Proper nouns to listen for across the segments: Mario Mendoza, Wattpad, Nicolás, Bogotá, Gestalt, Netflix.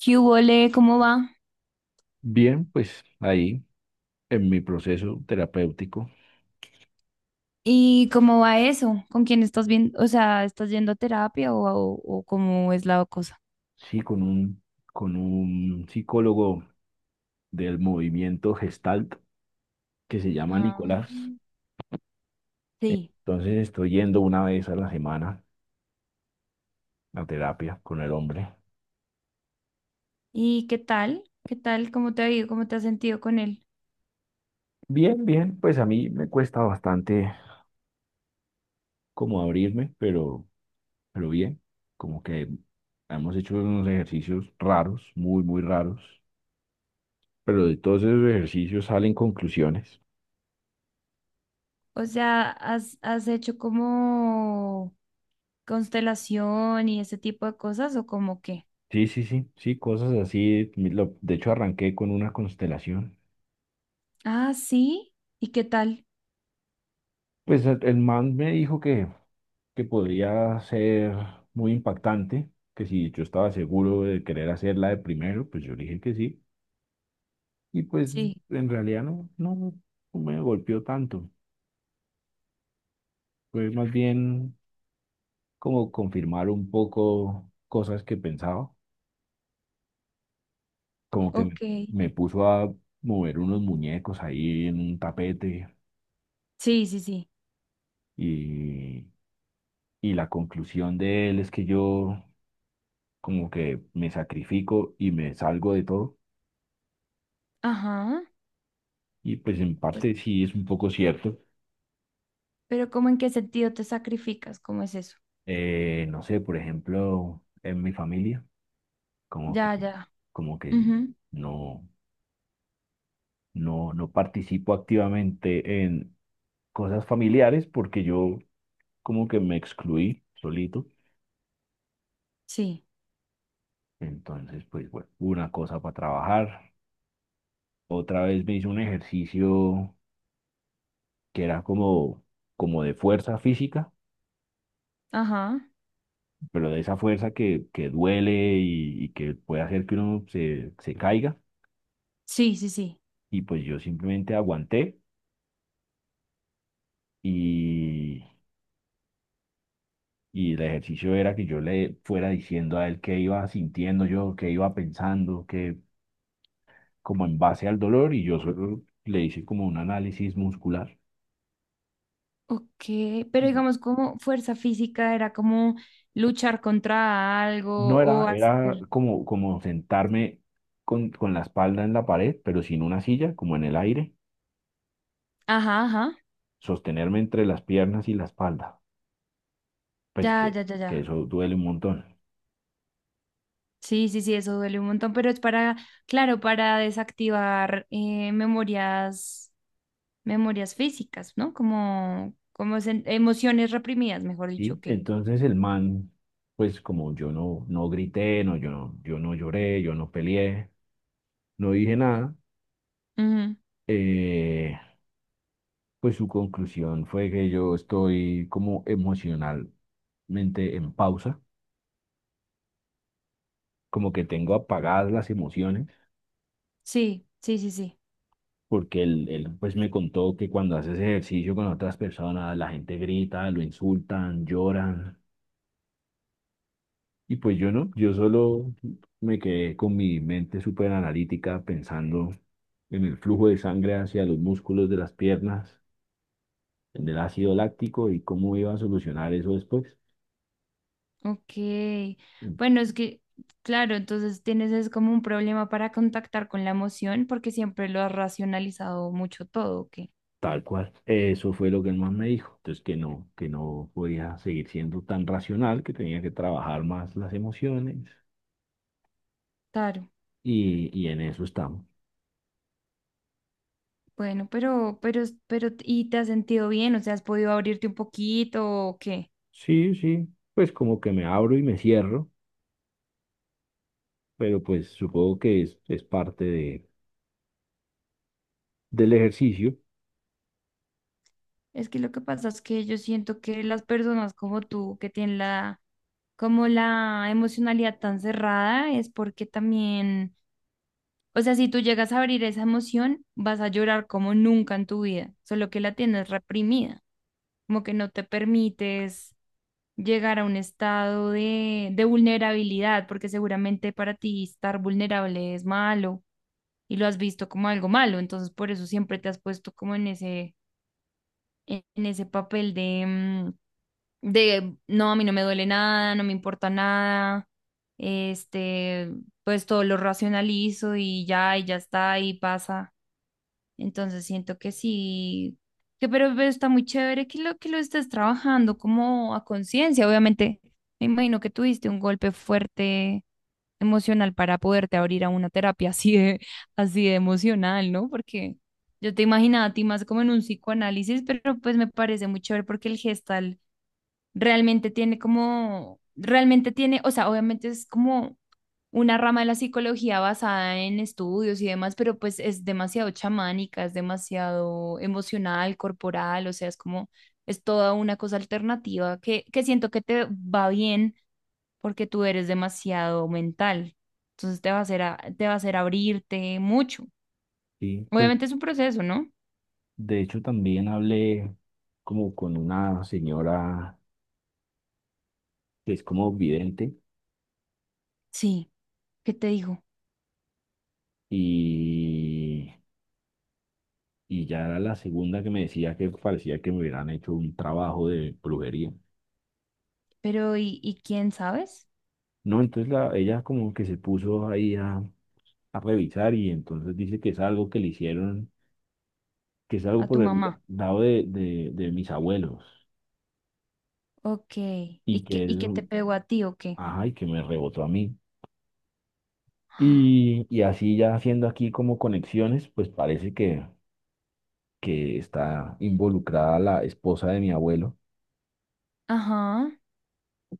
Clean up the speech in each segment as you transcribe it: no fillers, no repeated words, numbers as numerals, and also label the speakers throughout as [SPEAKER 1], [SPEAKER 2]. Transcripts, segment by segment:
[SPEAKER 1] ¿Qué hubo, le? ¿Cómo va?
[SPEAKER 2] Bien, pues ahí en mi proceso terapéutico,
[SPEAKER 1] ¿Y cómo va eso? ¿Con quién estás viendo? O sea, ¿estás yendo a terapia o cómo es la cosa?
[SPEAKER 2] sí, con un psicólogo del movimiento Gestalt que se llama
[SPEAKER 1] Ah,
[SPEAKER 2] Nicolás.
[SPEAKER 1] sí.
[SPEAKER 2] Entonces estoy yendo una vez a la semana a terapia con el hombre.
[SPEAKER 1] ¿Y qué tal? ¿Qué tal? ¿Cómo te ha ido? ¿Cómo te has sentido con él?
[SPEAKER 2] Bien, bien, pues a mí me cuesta bastante como abrirme, pero bien, como que hemos hecho unos ejercicios raros, muy raros, pero de todos esos ejercicios salen conclusiones.
[SPEAKER 1] O sea, ¿has hecho como constelación y ese tipo de cosas o como qué?
[SPEAKER 2] Sí, sí, sí, sí, cosas así. De hecho, arranqué con una constelación.
[SPEAKER 1] Ah, sí. ¿Y qué tal?
[SPEAKER 2] Pues el man me dijo que podría ser muy impactante, que si yo estaba seguro de querer hacerla de primero, pues yo le dije que sí. Y pues
[SPEAKER 1] Sí.
[SPEAKER 2] en realidad no me golpeó tanto. Fue más bien como confirmar un poco cosas que pensaba, como que me,
[SPEAKER 1] Ok.
[SPEAKER 2] me puso a mover unos muñecos ahí en un tapete
[SPEAKER 1] Sí, sí, sí.
[SPEAKER 2] y Y la conclusión de él es que yo como que me sacrifico y me salgo de todo.
[SPEAKER 1] Ajá.
[SPEAKER 2] Y pues en
[SPEAKER 1] Pues,
[SPEAKER 2] parte sí es un poco cierto.
[SPEAKER 1] pero ¿cómo en qué sentido te sacrificas? ¿Cómo es eso?
[SPEAKER 2] No sé, por ejemplo, en mi familia, como
[SPEAKER 1] Ya,
[SPEAKER 2] que,
[SPEAKER 1] ya.
[SPEAKER 2] como que
[SPEAKER 1] Ujú.
[SPEAKER 2] no, no participo activamente en cosas familiares porque yo como que me excluí solito.
[SPEAKER 1] Sí.
[SPEAKER 2] Entonces, pues bueno, una cosa para trabajar. Otra vez me hice un ejercicio que era como de fuerza física
[SPEAKER 1] Ajá.
[SPEAKER 2] pero de esa fuerza que duele y que puede hacer que uno se caiga.
[SPEAKER 1] Sí, sí, sí.
[SPEAKER 2] Y pues yo simplemente aguanté y, y el ejercicio era que yo le fuera diciendo a él qué iba sintiendo yo, qué iba pensando, que como en base al dolor y yo solo le hice como un análisis muscular.
[SPEAKER 1] Ok, pero digamos como fuerza física era como luchar contra algo
[SPEAKER 2] No era,
[SPEAKER 1] o
[SPEAKER 2] era
[SPEAKER 1] hacer...
[SPEAKER 2] como sentarme con la espalda en la pared, pero sin una silla, como en el aire,
[SPEAKER 1] Ajá, ajá.
[SPEAKER 2] sostenerme entre las piernas y la espalda. pues
[SPEAKER 1] Ya,
[SPEAKER 2] que,
[SPEAKER 1] ya, ya,
[SPEAKER 2] que
[SPEAKER 1] ya.
[SPEAKER 2] eso duele un montón,
[SPEAKER 1] Sí, sí, sí, eso duele un montón, pero es para, claro, para desactivar memorias, memorias físicas, ¿no? Como, como emociones reprimidas, mejor dicho,
[SPEAKER 2] ¿sí?
[SPEAKER 1] que.
[SPEAKER 2] Entonces el man, pues como yo no grité, no, yo no lloré, yo no peleé, no dije nada,
[SPEAKER 1] Ujú.
[SPEAKER 2] eh, pues su conclusión fue que yo estoy como emocionalmente en pausa, como que tengo apagadas las emociones.
[SPEAKER 1] Sí, sí, sí, sí.
[SPEAKER 2] Porque él pues me contó que cuando haces ejercicio con otras personas, la gente grita, lo insultan, lloran, y pues yo no, yo solo me quedé con mi mente súper analítica pensando en el flujo de sangre hacia los músculos de las piernas, en el ácido láctico y cómo iba a solucionar eso después.
[SPEAKER 1] Ok, bueno, es que, claro, entonces tienes es como un problema para contactar con la emoción porque siempre lo has racionalizado mucho todo, ¿ok?
[SPEAKER 2] Tal cual. Eso fue lo que el man me dijo. Entonces que no podía seguir siendo tan racional, que tenía que trabajar más las emociones
[SPEAKER 1] Claro,
[SPEAKER 2] y en eso estamos.
[SPEAKER 1] bueno, pero, ¿y te has sentido bien? O sea, ¿has podido abrirte un poquito o qué?
[SPEAKER 2] Sí, sí, pues como que me abro y me cierro, pero pues supongo es parte del ejercicio.
[SPEAKER 1] Es que lo que pasa es que yo siento que las personas como tú que tienen la, como la emocionalidad tan cerrada es porque también... O sea, si tú llegas a abrir esa emoción, vas a llorar como nunca en tu vida, solo que la tienes reprimida. Como que no te permites llegar a un estado de vulnerabilidad, porque seguramente para ti estar vulnerable es malo y lo has visto como algo malo, entonces por eso siempre te has puesto como en ese, en ese papel de, de, no, a mí no me duele nada, no me importa nada, este, pues todo lo racionalizo y ya está, y pasa. Entonces siento que sí, que pero está muy chévere que lo estés trabajando como a conciencia. Obviamente, me imagino que tuviste un golpe fuerte emocional para poderte abrir a una terapia así de emocional, ¿no? Porque yo te imaginaba a ti más como en un psicoanálisis, pero pues me parece muy chévere porque el gestal realmente tiene como, realmente tiene, o sea, obviamente es como una rama de la psicología basada en estudios y demás, pero pues es demasiado chamánica, es demasiado emocional, corporal, o sea, es como, es toda una cosa alternativa que siento que te va bien porque tú eres demasiado mental. Entonces te va a hacer, te va a hacer abrirte mucho.
[SPEAKER 2] Sí, pues
[SPEAKER 1] Obviamente es un proceso, ¿no?
[SPEAKER 2] de hecho, también hablé como con una señora que es como vidente
[SPEAKER 1] Sí, ¿qué te digo?
[SPEAKER 2] y, y ya era la segunda que me decía que parecía que me hubieran hecho un trabajo de brujería.
[SPEAKER 1] Pero ¿y quién sabes?
[SPEAKER 2] No, entonces ella como que se puso ahí a revisar y entonces dice que es algo que le hicieron, que es algo
[SPEAKER 1] A tu
[SPEAKER 2] por el
[SPEAKER 1] mamá.
[SPEAKER 2] lado de mis abuelos
[SPEAKER 1] Ok.
[SPEAKER 2] y
[SPEAKER 1] Y qué te pegó a ti o qué?
[SPEAKER 2] ajá, y que me rebotó a mí.
[SPEAKER 1] Ah,
[SPEAKER 2] Y así ya haciendo aquí como conexiones, pues parece que está involucrada la esposa de mi abuelo.
[SPEAKER 1] ajá.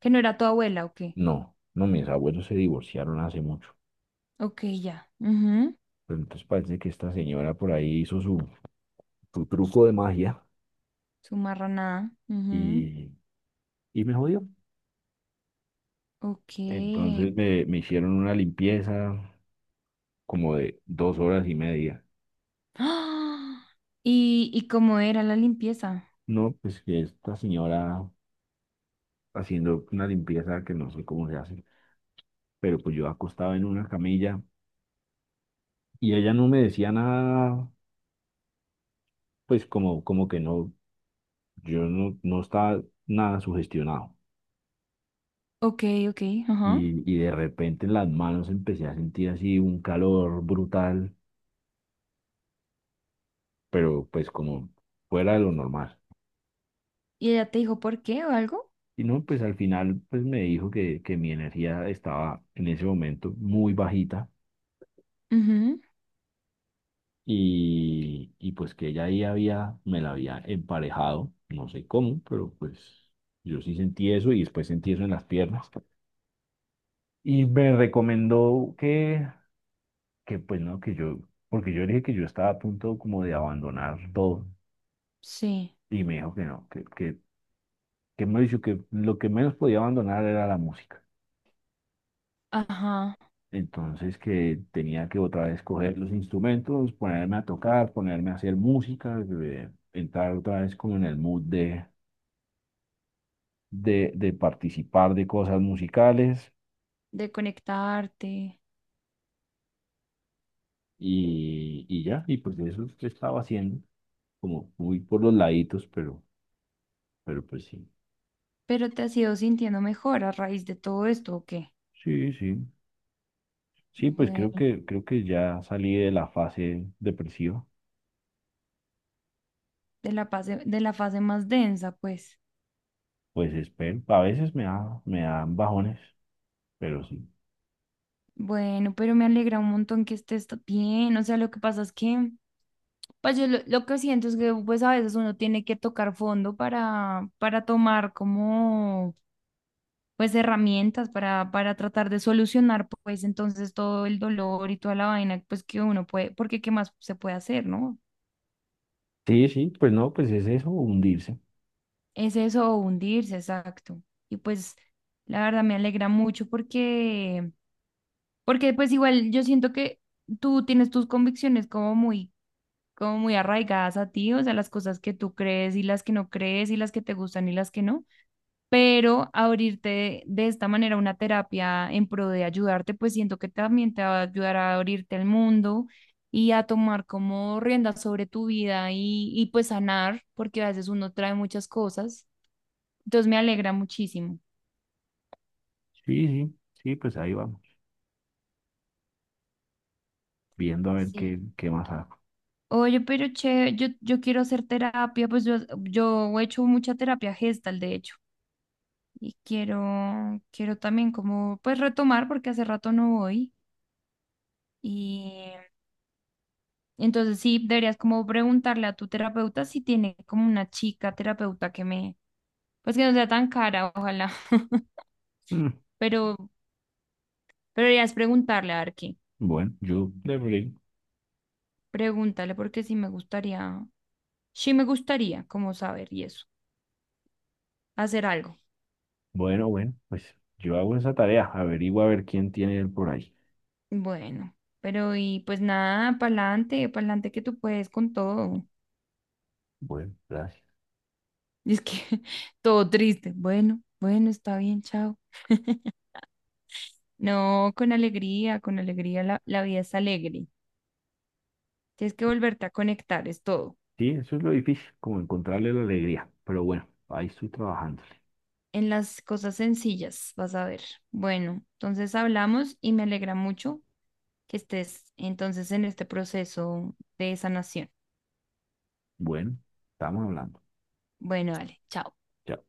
[SPEAKER 1] ¿Que no era tu abuela o qué?
[SPEAKER 2] No, no, mis abuelos se divorciaron hace mucho.
[SPEAKER 1] Ok, ya. Ujú.
[SPEAKER 2] Pero entonces parece que esta señora por ahí hizo su truco de magia
[SPEAKER 1] Su marranada. Ujú.
[SPEAKER 2] y, y me jodió.
[SPEAKER 1] Ok.
[SPEAKER 2] Entonces me hicieron una limpieza como de 2 horas y media.
[SPEAKER 1] ¡Ah! ¿Y cómo era la limpieza?
[SPEAKER 2] No, pues que esta señora haciendo una limpieza que no sé cómo se hace, pero pues yo acostaba en una camilla y ella no me decía nada, pues como que no. Yo no estaba nada sugestionado.
[SPEAKER 1] Ok, ok, ajá.
[SPEAKER 2] Y de repente en las manos empecé a sentir así un calor brutal, pero pues como fuera de lo normal.
[SPEAKER 1] ¿Y ella te dijo por qué o algo?
[SPEAKER 2] Y no, pues al final pues me dijo que mi energía estaba en ese momento muy bajita
[SPEAKER 1] Ujú.
[SPEAKER 2] y pues que ella ahí había, me la había emparejado, no sé cómo, pero pues yo sí sentí eso y después sentí eso en las piernas. Y me recomendó que pues no, que yo, porque yo le dije que yo estaba a punto como de abandonar todo
[SPEAKER 1] Sí.
[SPEAKER 2] y me dijo que no, que me dijo que lo que menos podía abandonar era la música.
[SPEAKER 1] Ajá.
[SPEAKER 2] Entonces que tenía que otra vez coger los instrumentos, ponerme a tocar, ponerme a hacer música, entrar otra vez como en el mood de participar de cosas musicales
[SPEAKER 1] De conectarte.
[SPEAKER 2] y ya, y pues eso es que estaba haciendo, como muy por los laditos, pero pues sí,
[SPEAKER 1] Pero te has ido sintiendo mejor a raíz de todo esto, ¿o qué?
[SPEAKER 2] sí, sí. Sí, pues
[SPEAKER 1] Bueno,
[SPEAKER 2] creo que ya salí de la fase depresiva.
[SPEAKER 1] de la fase más densa, pues.
[SPEAKER 2] Pues espero. A veces me da, me dan bajones, pero sí.
[SPEAKER 1] Bueno, pero me alegra un montón que estés bien. O sea, lo que pasa es que, pues yo lo que siento es que pues a veces uno tiene que tocar fondo para tomar como pues herramientas para tratar de solucionar pues entonces todo el dolor y toda la vaina pues que uno puede, porque qué más se puede hacer, ¿no?
[SPEAKER 2] Sí, sí, pues no, pues es eso, hundirse.
[SPEAKER 1] Es eso, o hundirse, exacto. Y pues la verdad me alegra mucho porque, porque pues igual yo siento que tú tienes tus convicciones como muy arraigadas a ti, o sea, las cosas que tú crees y las que no crees y las que te gustan y las que no, pero abrirte de esta manera una terapia en pro de ayudarte, pues siento que también te va a ayudar a abrirte al mundo y a tomar como riendas sobre tu vida y pues sanar, porque a veces uno trae muchas cosas, entonces me alegra muchísimo.
[SPEAKER 2] Sí, sí, sí, pues ahí vamos, viendo a ver
[SPEAKER 1] Sí.
[SPEAKER 2] qué más hago.
[SPEAKER 1] Oye, pero che, yo quiero hacer terapia, pues yo he hecho mucha terapia gestal, de hecho. Y quiero, quiero también como pues retomar porque hace rato no voy y entonces sí deberías como preguntarle a tu terapeuta si tiene como una chica terapeuta que me pues que no sea tan cara, ojalá.
[SPEAKER 2] Mm,
[SPEAKER 1] Pero pero deberías preguntarle a ver qué.
[SPEAKER 2] bueno, yo de
[SPEAKER 1] Pregúntale porque sí me gustaría como saber y eso, hacer algo.
[SPEAKER 2] bueno, bueno, pues yo hago esa tarea, averiguo a ver quién tiene él por ahí.
[SPEAKER 1] Bueno, pero y pues nada, pa'lante, pa'lante que tú puedes con todo.
[SPEAKER 2] Bueno, gracias.
[SPEAKER 1] Y es que todo triste. Bueno, bueno, está bien, chao. No, con alegría, la vida es alegre. Tienes que volverte a conectar, es todo.
[SPEAKER 2] Sí, eso es lo difícil, como encontrarle la alegría. Pero bueno, ahí estoy trabajándole.
[SPEAKER 1] En las cosas sencillas, vas a ver. Bueno, entonces hablamos y me alegra mucho que estés entonces en este proceso de sanación.
[SPEAKER 2] Bueno, estamos hablando.
[SPEAKER 1] Bueno, dale, chao.
[SPEAKER 2] Chao.